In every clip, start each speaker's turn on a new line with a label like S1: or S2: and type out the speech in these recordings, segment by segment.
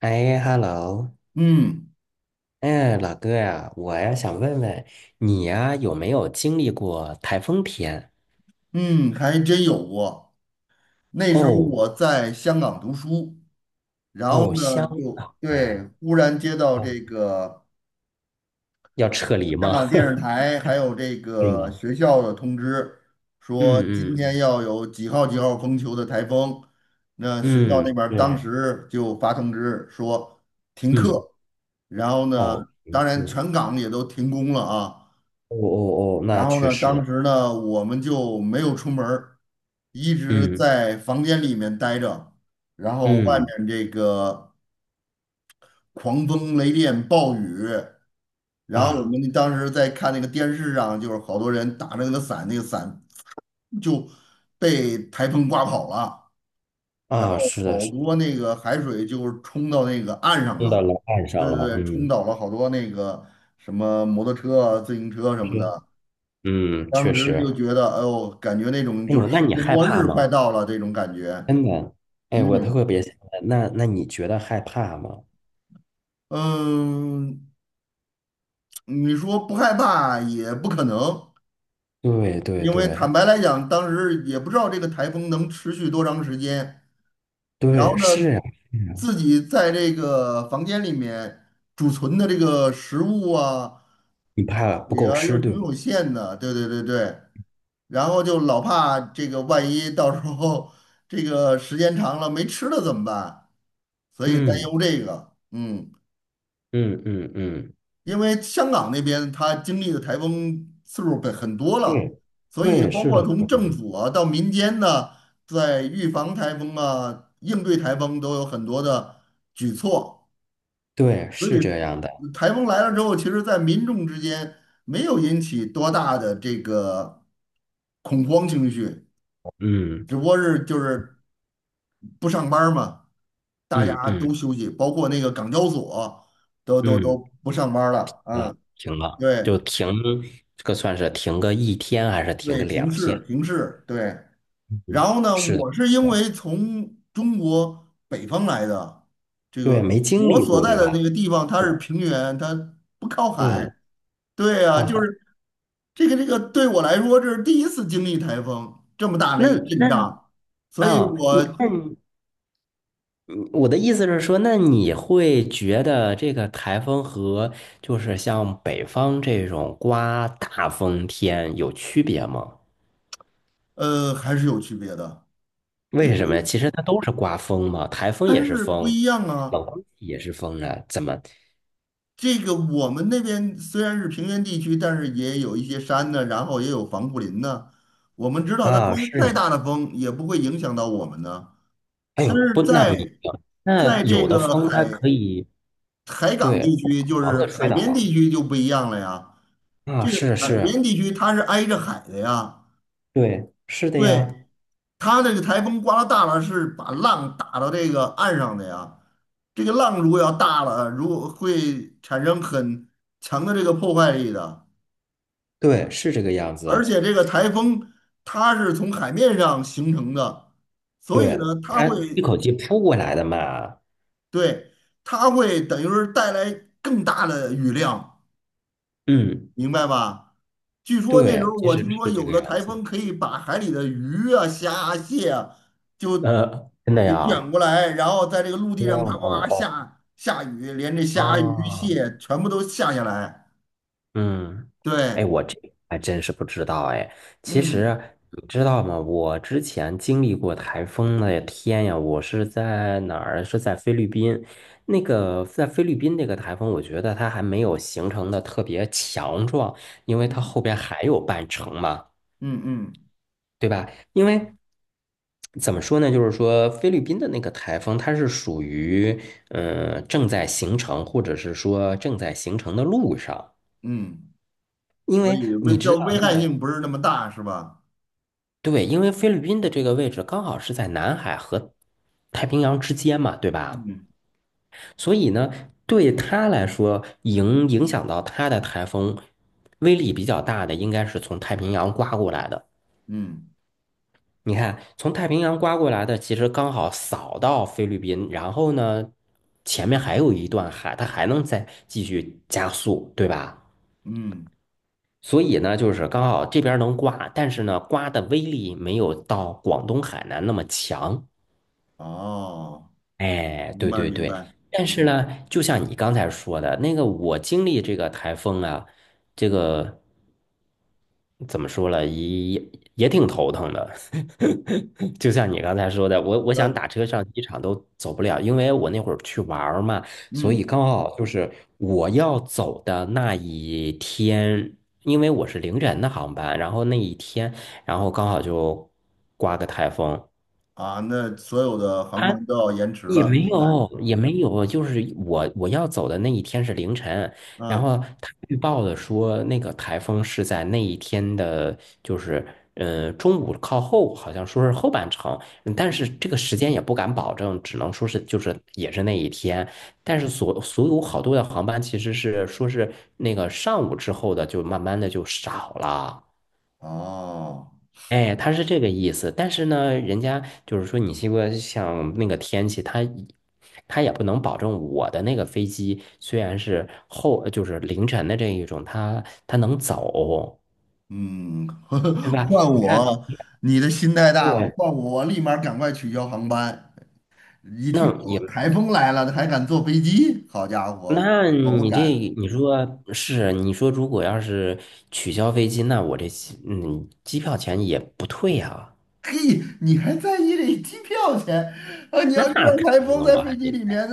S1: 哎，hello，
S2: 嗯
S1: 哎，老哥呀，我呀想问问你呀，有没有经历过台风天？
S2: 嗯，还真有过。那时候
S1: 哦
S2: 我在香港读书，然后
S1: 哦，香
S2: 呢，就
S1: 港
S2: 对，
S1: 呀，
S2: 忽然接到
S1: 哦，
S2: 这个
S1: 要撤离
S2: 香
S1: 吗？
S2: 港电视 台还有这
S1: 是
S2: 个
S1: 吗？
S2: 学校的通知，说今
S1: 嗯
S2: 天
S1: 嗯
S2: 要有几号几号风球的台风。那学校
S1: 嗯
S2: 那
S1: 嗯，
S2: 边儿当
S1: 对，
S2: 时就发通知说停
S1: 嗯，
S2: 课，然后呢，
S1: 哦，没
S2: 当然
S1: 错，
S2: 全港也都停工了啊。
S1: 哦哦哦，那
S2: 然后
S1: 确
S2: 呢，
S1: 实，
S2: 当时呢，我们就没有出门儿一直
S1: 嗯
S2: 在房间里面待着，然后外
S1: 嗯
S2: 面这个狂风雷电暴雨，然后我
S1: 啊
S2: 们当时在看那个电视上，就是好多人打着那个伞，那个伞就被台风刮跑了，然后
S1: 啊，是的，
S2: 好
S1: 是的，
S2: 多那个海水就冲到那个岸上
S1: 碰到
S2: 了，
S1: 了岸
S2: 对
S1: 上
S2: 对
S1: 了，
S2: 对，冲
S1: 嗯，
S2: 倒了好多那个什么摩托车啊、自行车什
S1: 你
S2: 么
S1: 说
S2: 的。
S1: 嗯，
S2: 当
S1: 确
S2: 时就
S1: 实，
S2: 觉得，哎呦，感觉那种
S1: 哎
S2: 就
S1: 呦，
S2: 是
S1: 那
S2: 世
S1: 你
S2: 界
S1: 害
S2: 末
S1: 怕
S2: 日快
S1: 吗？
S2: 到了这种感觉。
S1: 真的，哎，我特
S2: 嗯
S1: 别想问，那你觉得害怕吗？
S2: 嗯，你说不害怕也不可能，
S1: 对对
S2: 因为
S1: 对
S2: 坦白来讲，当时也不知道这个台风能持续多长时间。然后
S1: 对，是
S2: 呢，
S1: 呀，是呀，
S2: 自己在这个房间里面储存的这个食物啊。
S1: 你怕不
S2: 也
S1: 够
S2: 啊，又
S1: 吃，
S2: 挺
S1: 对不对？
S2: 有限的，对对对对。然后就老怕这个万一到时候这个时间长了没吃的怎么办？所以担
S1: 嗯
S2: 忧这个，
S1: 嗯嗯嗯，
S2: 因为香港那边它经历的台风次数本很多了，
S1: 对
S2: 所以
S1: 对，
S2: 包
S1: 是的，
S2: 括
S1: 是
S2: 从政
S1: 的。
S2: 府啊到民间呢，在预防台风啊、应对台风都有很多的举措。
S1: 对，
S2: 所
S1: 是这
S2: 以
S1: 样的，
S2: 台风来了之后，其实，在民众之间没有引起多大的这个恐慌情绪，
S1: 嗯
S2: 只不过是就是不上班儿嘛，大
S1: 嗯
S2: 家都
S1: 嗯
S2: 休息，包括那个港交所都
S1: 嗯，
S2: 不上班儿了，
S1: 那
S2: 啊，
S1: 停了，
S2: 对
S1: 就停，这个算是停个一天还是停
S2: 对，
S1: 个
S2: 停
S1: 两
S2: 市
S1: 天？
S2: 停市，对。
S1: 嗯，
S2: 然后呢，
S1: 是的，
S2: 我是
S1: 是
S2: 因
S1: 的。
S2: 为从中国北方来的，这
S1: 对，
S2: 个
S1: 没经
S2: 我
S1: 历
S2: 所
S1: 过，
S2: 在
S1: 对
S2: 的
S1: 吧？
S2: 那个地方它是平原，它不靠
S1: 对，
S2: 海。对呀、
S1: 看
S2: 就
S1: 看。
S2: 是这个对我来说，这是第一次经历台风这么大的
S1: 那
S2: 一个阵
S1: 那
S2: 仗，所以
S1: 啊，
S2: 我
S1: 我的意思是说，那你会觉得这个台风和就是像北方这种刮大风天有区别吗？
S2: 还是有区别的，因
S1: 为什么
S2: 为
S1: 呀？其实它都是刮风嘛，台风
S2: 还
S1: 也是
S2: 是不
S1: 风，
S2: 一样
S1: 冷
S2: 啊。
S1: 空气也是风啊，怎么
S2: 这个我们那边虽然是平原地区，但是也有一些山呢，然后也有防护林呢。我们知道它刮
S1: 啊？是
S2: 再
S1: 吗，
S2: 大的风也不会影响到我们呢。
S1: 哎
S2: 但
S1: 呦，不，
S2: 是
S1: 那不一
S2: 在
S1: 定。那
S2: 在这
S1: 有的
S2: 个
S1: 风它可
S2: 海
S1: 以
S2: 海港
S1: 对
S2: 地
S1: 不
S2: 区，
S1: 把
S2: 就
S1: 房子
S2: 是
S1: 吹
S2: 海边
S1: 倒。
S2: 地区就不一样了呀。
S1: 啊，
S2: 这个
S1: 是
S2: 海
S1: 是，
S2: 边地区它是挨着海的呀。
S1: 对，是的呀，
S2: 对，它这个台风刮到大了，是把浪打到这个岸上的呀。这个浪如果要大了，如果会产生很强的这个破坏力的。
S1: 对，是这个样
S2: 而
S1: 子，
S2: 且这个台风它是从海面上形成的，所以呢，
S1: 对，它
S2: 它
S1: 一
S2: 会，
S1: 口气扑过来的嘛，
S2: 对，它会等于是带来更大的雨量。
S1: 嗯。
S2: 明白吧？据说那时
S1: 对，
S2: 候
S1: 其
S2: 我
S1: 实
S2: 听说
S1: 是这
S2: 有
S1: 个
S2: 的
S1: 样
S2: 台
S1: 子。
S2: 风可以把海里的鱼啊、虾啊蟹啊就
S1: 真的
S2: 给
S1: 呀？
S2: 卷
S1: 哦
S2: 过来，然后在这个陆地上啪啪啪
S1: 哦
S2: 下下雨，连这虾、鱼、
S1: 哦，啊，
S2: 蟹全部都下下来。
S1: 嗯，
S2: 对，
S1: 哎,还真是不知道哎。其
S2: 嗯
S1: 实你知道吗？我之前经历过台风的天呀，我是在哪儿？是在菲律宾。那个在菲律宾那个台风，我觉得它还没有形成的特别强壮，因为它
S2: 嗯
S1: 后边还有半程嘛。
S2: 嗯嗯
S1: 对吧？因为怎么说呢，就是说菲律宾的那个台风，它是属于正在形成，或者是说正在形成的路上。
S2: 嗯，
S1: 因
S2: 所
S1: 为
S2: 以
S1: 你
S2: 危害性不是那么大，是吧？
S1: 对，因为菲律宾的这个位置刚好是在南海和太平洋之间嘛，对吧？
S2: 嗯
S1: 所以呢，对他来说，影响到他的台风威力比较大的，应该是从太平洋刮过来的。
S2: 嗯
S1: 你看，从太平洋刮过来的，其实刚好扫到菲律宾，然后呢，前面还有一段海，它还能再继续加速，对吧？
S2: 嗯，
S1: 所以呢，就是刚好这边能刮，但是呢，刮的威力没有到广东、海南那么强。
S2: 哦，
S1: 哎，
S2: 明
S1: 对
S2: 白
S1: 对
S2: 明
S1: 对，
S2: 白，
S1: 但是
S2: 嗯
S1: 呢，就像你刚才说的那个，我经历这个台风啊，这个。怎么说了，也挺头疼的。就像你刚才说的，我想
S2: 嗯
S1: 打车上机场都走不了，因为我那会儿去玩儿嘛，所以
S2: 嗯，
S1: 刚好就是我要走的那一天，因为我是凌晨的航班，然后那一天，然后刚好就刮个台风，
S2: 啊，那所有的航班都要延迟
S1: 也
S2: 了，
S1: 没
S2: 应该。
S1: 有，也没有，就是我要走的那一天是凌晨，然
S2: 嗯，
S1: 后他预报的说那个台风是在那一天的，就是中午靠后，好像说是后半程，但是这个时间也不敢保证，只能说是就是也是那一天，但是所有好多的航班其实是说是那个上午之后的就慢慢的就少了。
S2: 哦，
S1: 哎，他是这个意思，但是呢，人家就是说，你西瓜像那个天气，他也不能保证我的那个飞机虽然是后就是凌晨的这一种，他能走，
S2: 嗯，
S1: 对 吧？
S2: 换
S1: 你看，
S2: 我，你的心太大了，
S1: 对，
S2: 换我我立马赶快取消航班。一听
S1: 那也
S2: 有台风来了，还敢坐飞机？好家伙，
S1: 那
S2: 我不
S1: 你这
S2: 敢。
S1: 你说是你说如果要是取消飞机，那我这机票钱也不退啊，
S2: 嘿，你还在意这机票钱啊？你
S1: 那
S2: 要遇
S1: 肯
S2: 到台
S1: 定
S2: 风
S1: 的，我
S2: 在
S1: 还
S2: 飞机
S1: 得。
S2: 里面，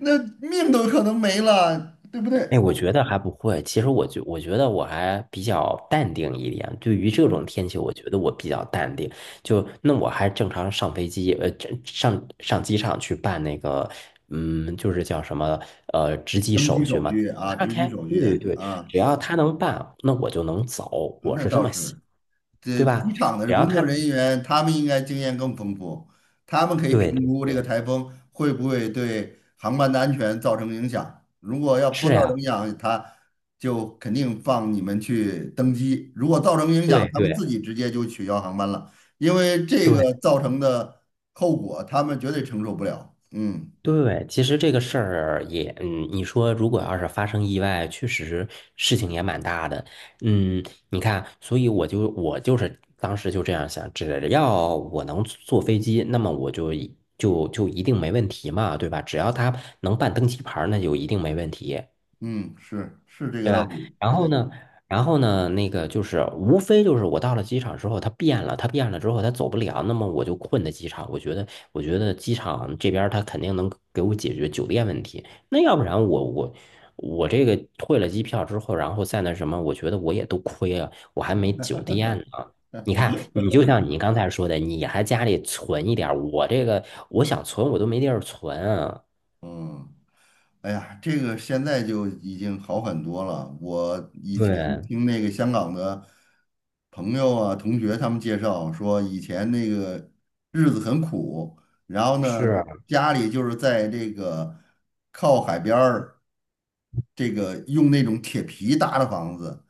S2: 那那命都可能没了，对不对？
S1: 哎，我觉得还不会。其实我觉得我还比较淡定一点。对于这种天气，我觉得我比较淡定。就那我还正常上飞机，这上机场去办那个，嗯，就是叫什么，值机
S2: 登机
S1: 手续
S2: 手
S1: 嘛。只
S2: 续
S1: 要
S2: 啊，
S1: 他
S2: 值机
S1: 开，
S2: 手
S1: 对
S2: 续
S1: 对对，
S2: 啊，
S1: 只要他能办，那我就能走。我
S2: 那
S1: 是这
S2: 倒
S1: 么想，
S2: 是。这
S1: 对
S2: 机
S1: 吧？
S2: 场的
S1: 只要
S2: 工
S1: 他
S2: 作人
S1: 能，
S2: 员，他们应该经验更丰富，他们可以
S1: 对
S2: 评
S1: 对
S2: 估这个
S1: 对，
S2: 台风会不会对航班的安全造成影响。如果要不
S1: 是
S2: 造成
S1: 呀，
S2: 影响，他就肯定放你们去登机；如果造成影
S1: 对
S2: 响，他们
S1: 对。
S2: 自己直接就取消航班了，因为这
S1: 对
S2: 个造成的后果他们绝对承受不了。嗯
S1: 对，其实这个事儿也，嗯，你说如果要是发生意外，确实事情也蛮大的，嗯，你看，所以我就是当时就这样想，只要我能坐飞机，那么我就一定没问题嘛，对吧？只要他能办登机牌儿那就一定没问题。
S2: 嗯，是是这
S1: 对
S2: 个道
S1: 吧？
S2: 理，
S1: 然后
S2: 对，
S1: 呢，然后呢，那个就是无非就是我到了机场之后，他变了，他变了之后他走不了，那么我就困在机场。我觉得，我觉得机场这边他肯定能给我解决酒店问题。那要不然我这个退了机票之后，然后再那什么，我觉得我也都亏了，我还没酒店呢。你看，你就像你刚才说的，你还家里存一点儿我这个我想存我都没地儿存啊。
S2: 嗯。哎呀，这个现在就已经好很多了。我以前
S1: 对，
S2: 听那个香港的朋友啊、同学他们介绍说，以前那个日子很苦，然后呢，
S1: 是，
S2: 家里就是在这个靠海边儿，这个用那种铁皮搭的房子，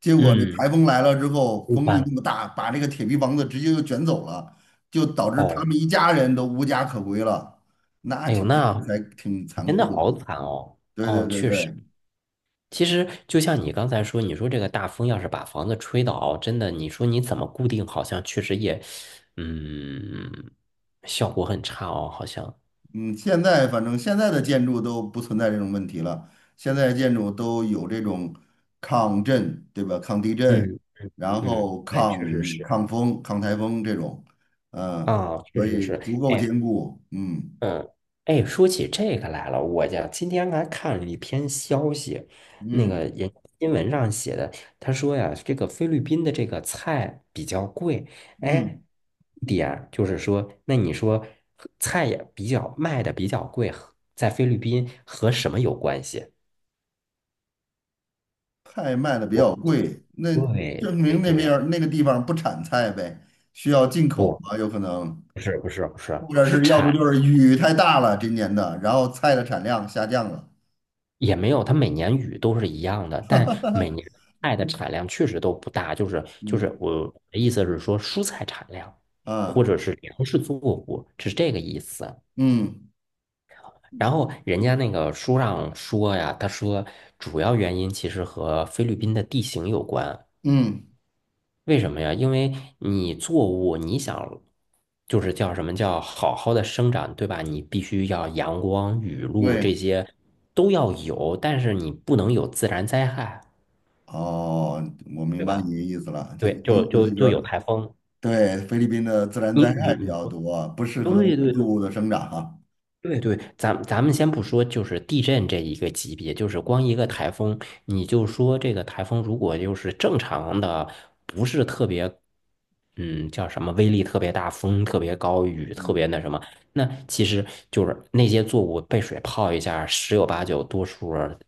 S2: 结果这
S1: 嗯，
S2: 台风来了之后，
S1: 一
S2: 风力那
S1: 般。
S2: 么大，把这个铁皮房子直接就卷走了，就导致他
S1: 哦，
S2: 们一家人都无家可归了，那
S1: 哎呦，那
S2: 挺残
S1: 真的
S2: 酷的。
S1: 好惨哦！
S2: 对
S1: 哦，
S2: 对对
S1: 确实，
S2: 对，
S1: 其实就像你刚才说，你说这个大风要是把房子吹倒，真的，你说你怎么固定？好像确实也，嗯，效果很差哦，好像。
S2: 嗯，现在反正现在的建筑都不存在这种问题了，现在的建筑都有这种抗震，对吧？抗地震，
S1: 嗯
S2: 然
S1: 嗯，
S2: 后
S1: 对，确实是。
S2: 抗风、抗台风这种，嗯，
S1: 啊，确
S2: 所
S1: 实
S2: 以
S1: 是，
S2: 足够
S1: 哎，
S2: 坚固，
S1: 嗯，哎，说起这个来了，我家今天还看了一篇消息，那个
S2: 嗯
S1: 人新闻上写的，他说呀，这个菲律宾的这个菜比较贵，哎，
S2: 嗯，
S1: 一点就是说，那你说菜也比较卖的比较贵，和在菲律宾和什么有关系？
S2: 菜卖的比
S1: 我
S2: 较贵，那
S1: 对
S2: 证
S1: 对
S2: 明那边
S1: 对，
S2: 儿那个地方不产菜呗，需要进口
S1: 不，
S2: 吧？有可能，
S1: 不是，
S2: 或者
S1: 是
S2: 是要
S1: 产
S2: 不就是雨太大了，今年的，然后菜的产量下降了，
S1: 也没有，它每年雨都是一样的，但每年菜的产量确实都不大。就是就
S2: 嗯
S1: 是我的意思是说，蔬菜产量或
S2: 啊。
S1: 者是粮食作物是这个意思。
S2: 嗯
S1: 然后人家那个书上说呀，他说主要原因其实和菲律宾的地形有关。
S2: 嗯，
S1: 为什么呀？因为你作物你想就是叫什么叫好好的生长，对吧？你必须要阳光、雨露
S2: 对，
S1: 这些都要有，但是你不能有自然灾害。
S2: 哦，我明
S1: 对
S2: 白你
S1: 吧？
S2: 的意思了，就
S1: 对，
S2: 你意
S1: 就
S2: 思
S1: 就
S2: 就
S1: 就
S2: 是
S1: 有
S2: 说，
S1: 台风。
S2: 对，菲律宾的自然
S1: 你
S2: 灾
S1: 你
S2: 害比
S1: 你
S2: 较
S1: 说，
S2: 多，不适合农
S1: 对对
S2: 作物
S1: 对
S2: 的生长哈。
S1: 对对，咱们先不说，就是地震这一个级别，就是光一个台风，你就说这个台风如果就是正常的，嗯，叫什么威力特别大，风特别高，雨特别
S2: 嗯，
S1: 那什么，那其实就是那些作物被水泡一下，十有八九多数儿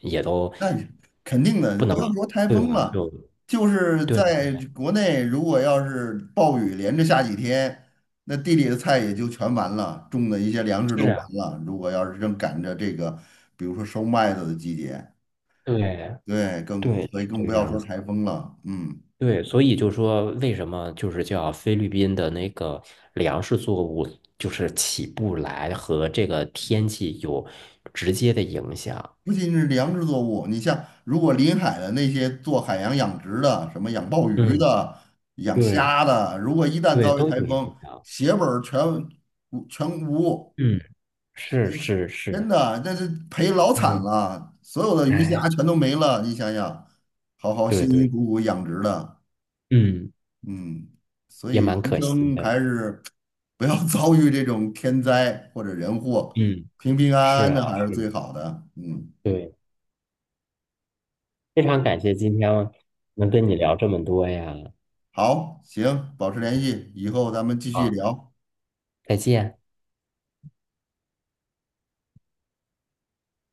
S1: 也都
S2: 那你肯定的，
S1: 不
S2: 不
S1: 能，
S2: 要说台
S1: 对
S2: 风
S1: 吧？
S2: 了，
S1: 就
S2: 就是
S1: 对，
S2: 在国内，如果要是暴雨连着下几天，那地里的菜也就全完了，种的一些粮食都
S1: 是
S2: 完
S1: 啊，
S2: 了。如果要是正赶着这个，比如说收麦子的季节，
S1: 对
S2: 对，更，
S1: 对，是
S2: 所以
S1: 这
S2: 更
S1: 个
S2: 不要
S1: 样
S2: 说
S1: 子
S2: 台
S1: 的。
S2: 风了。嗯。
S1: 对，所以就说为什么就是叫菲律宾的那个粮食作物就是起不来，和这个天气有直接的影响。
S2: 不仅是粮食作物，你像如果临海的那些做海洋养殖的，什么养鲍鱼
S1: 嗯，
S2: 的、养
S1: 对
S2: 虾的，如果一旦
S1: 对，
S2: 遭遇
S1: 都
S2: 台
S1: 有影
S2: 风，
S1: 响。
S2: 血本儿全无，
S1: 嗯，是
S2: 哎
S1: 是是，
S2: 真的那是赔老惨
S1: 嗯，
S2: 了，所有的鱼虾
S1: 哎，
S2: 全都没了。你想想，好好辛
S1: 对
S2: 辛
S1: 对，
S2: 苦苦养殖的，
S1: 嗯，
S2: 嗯，所以
S1: 也蛮
S2: 人
S1: 可惜
S2: 生
S1: 的。
S2: 还是不要 遭遇这种天灾或者人祸，
S1: 嗯，
S2: 平平安
S1: 是
S2: 安
S1: 啊，
S2: 的还是最
S1: 是，
S2: 好的，嗯。
S1: 对，非常感谢今天能跟你聊这么多呀。
S2: 好，行，保持联系，以后咱们继续
S1: 啊，
S2: 聊。
S1: 再见。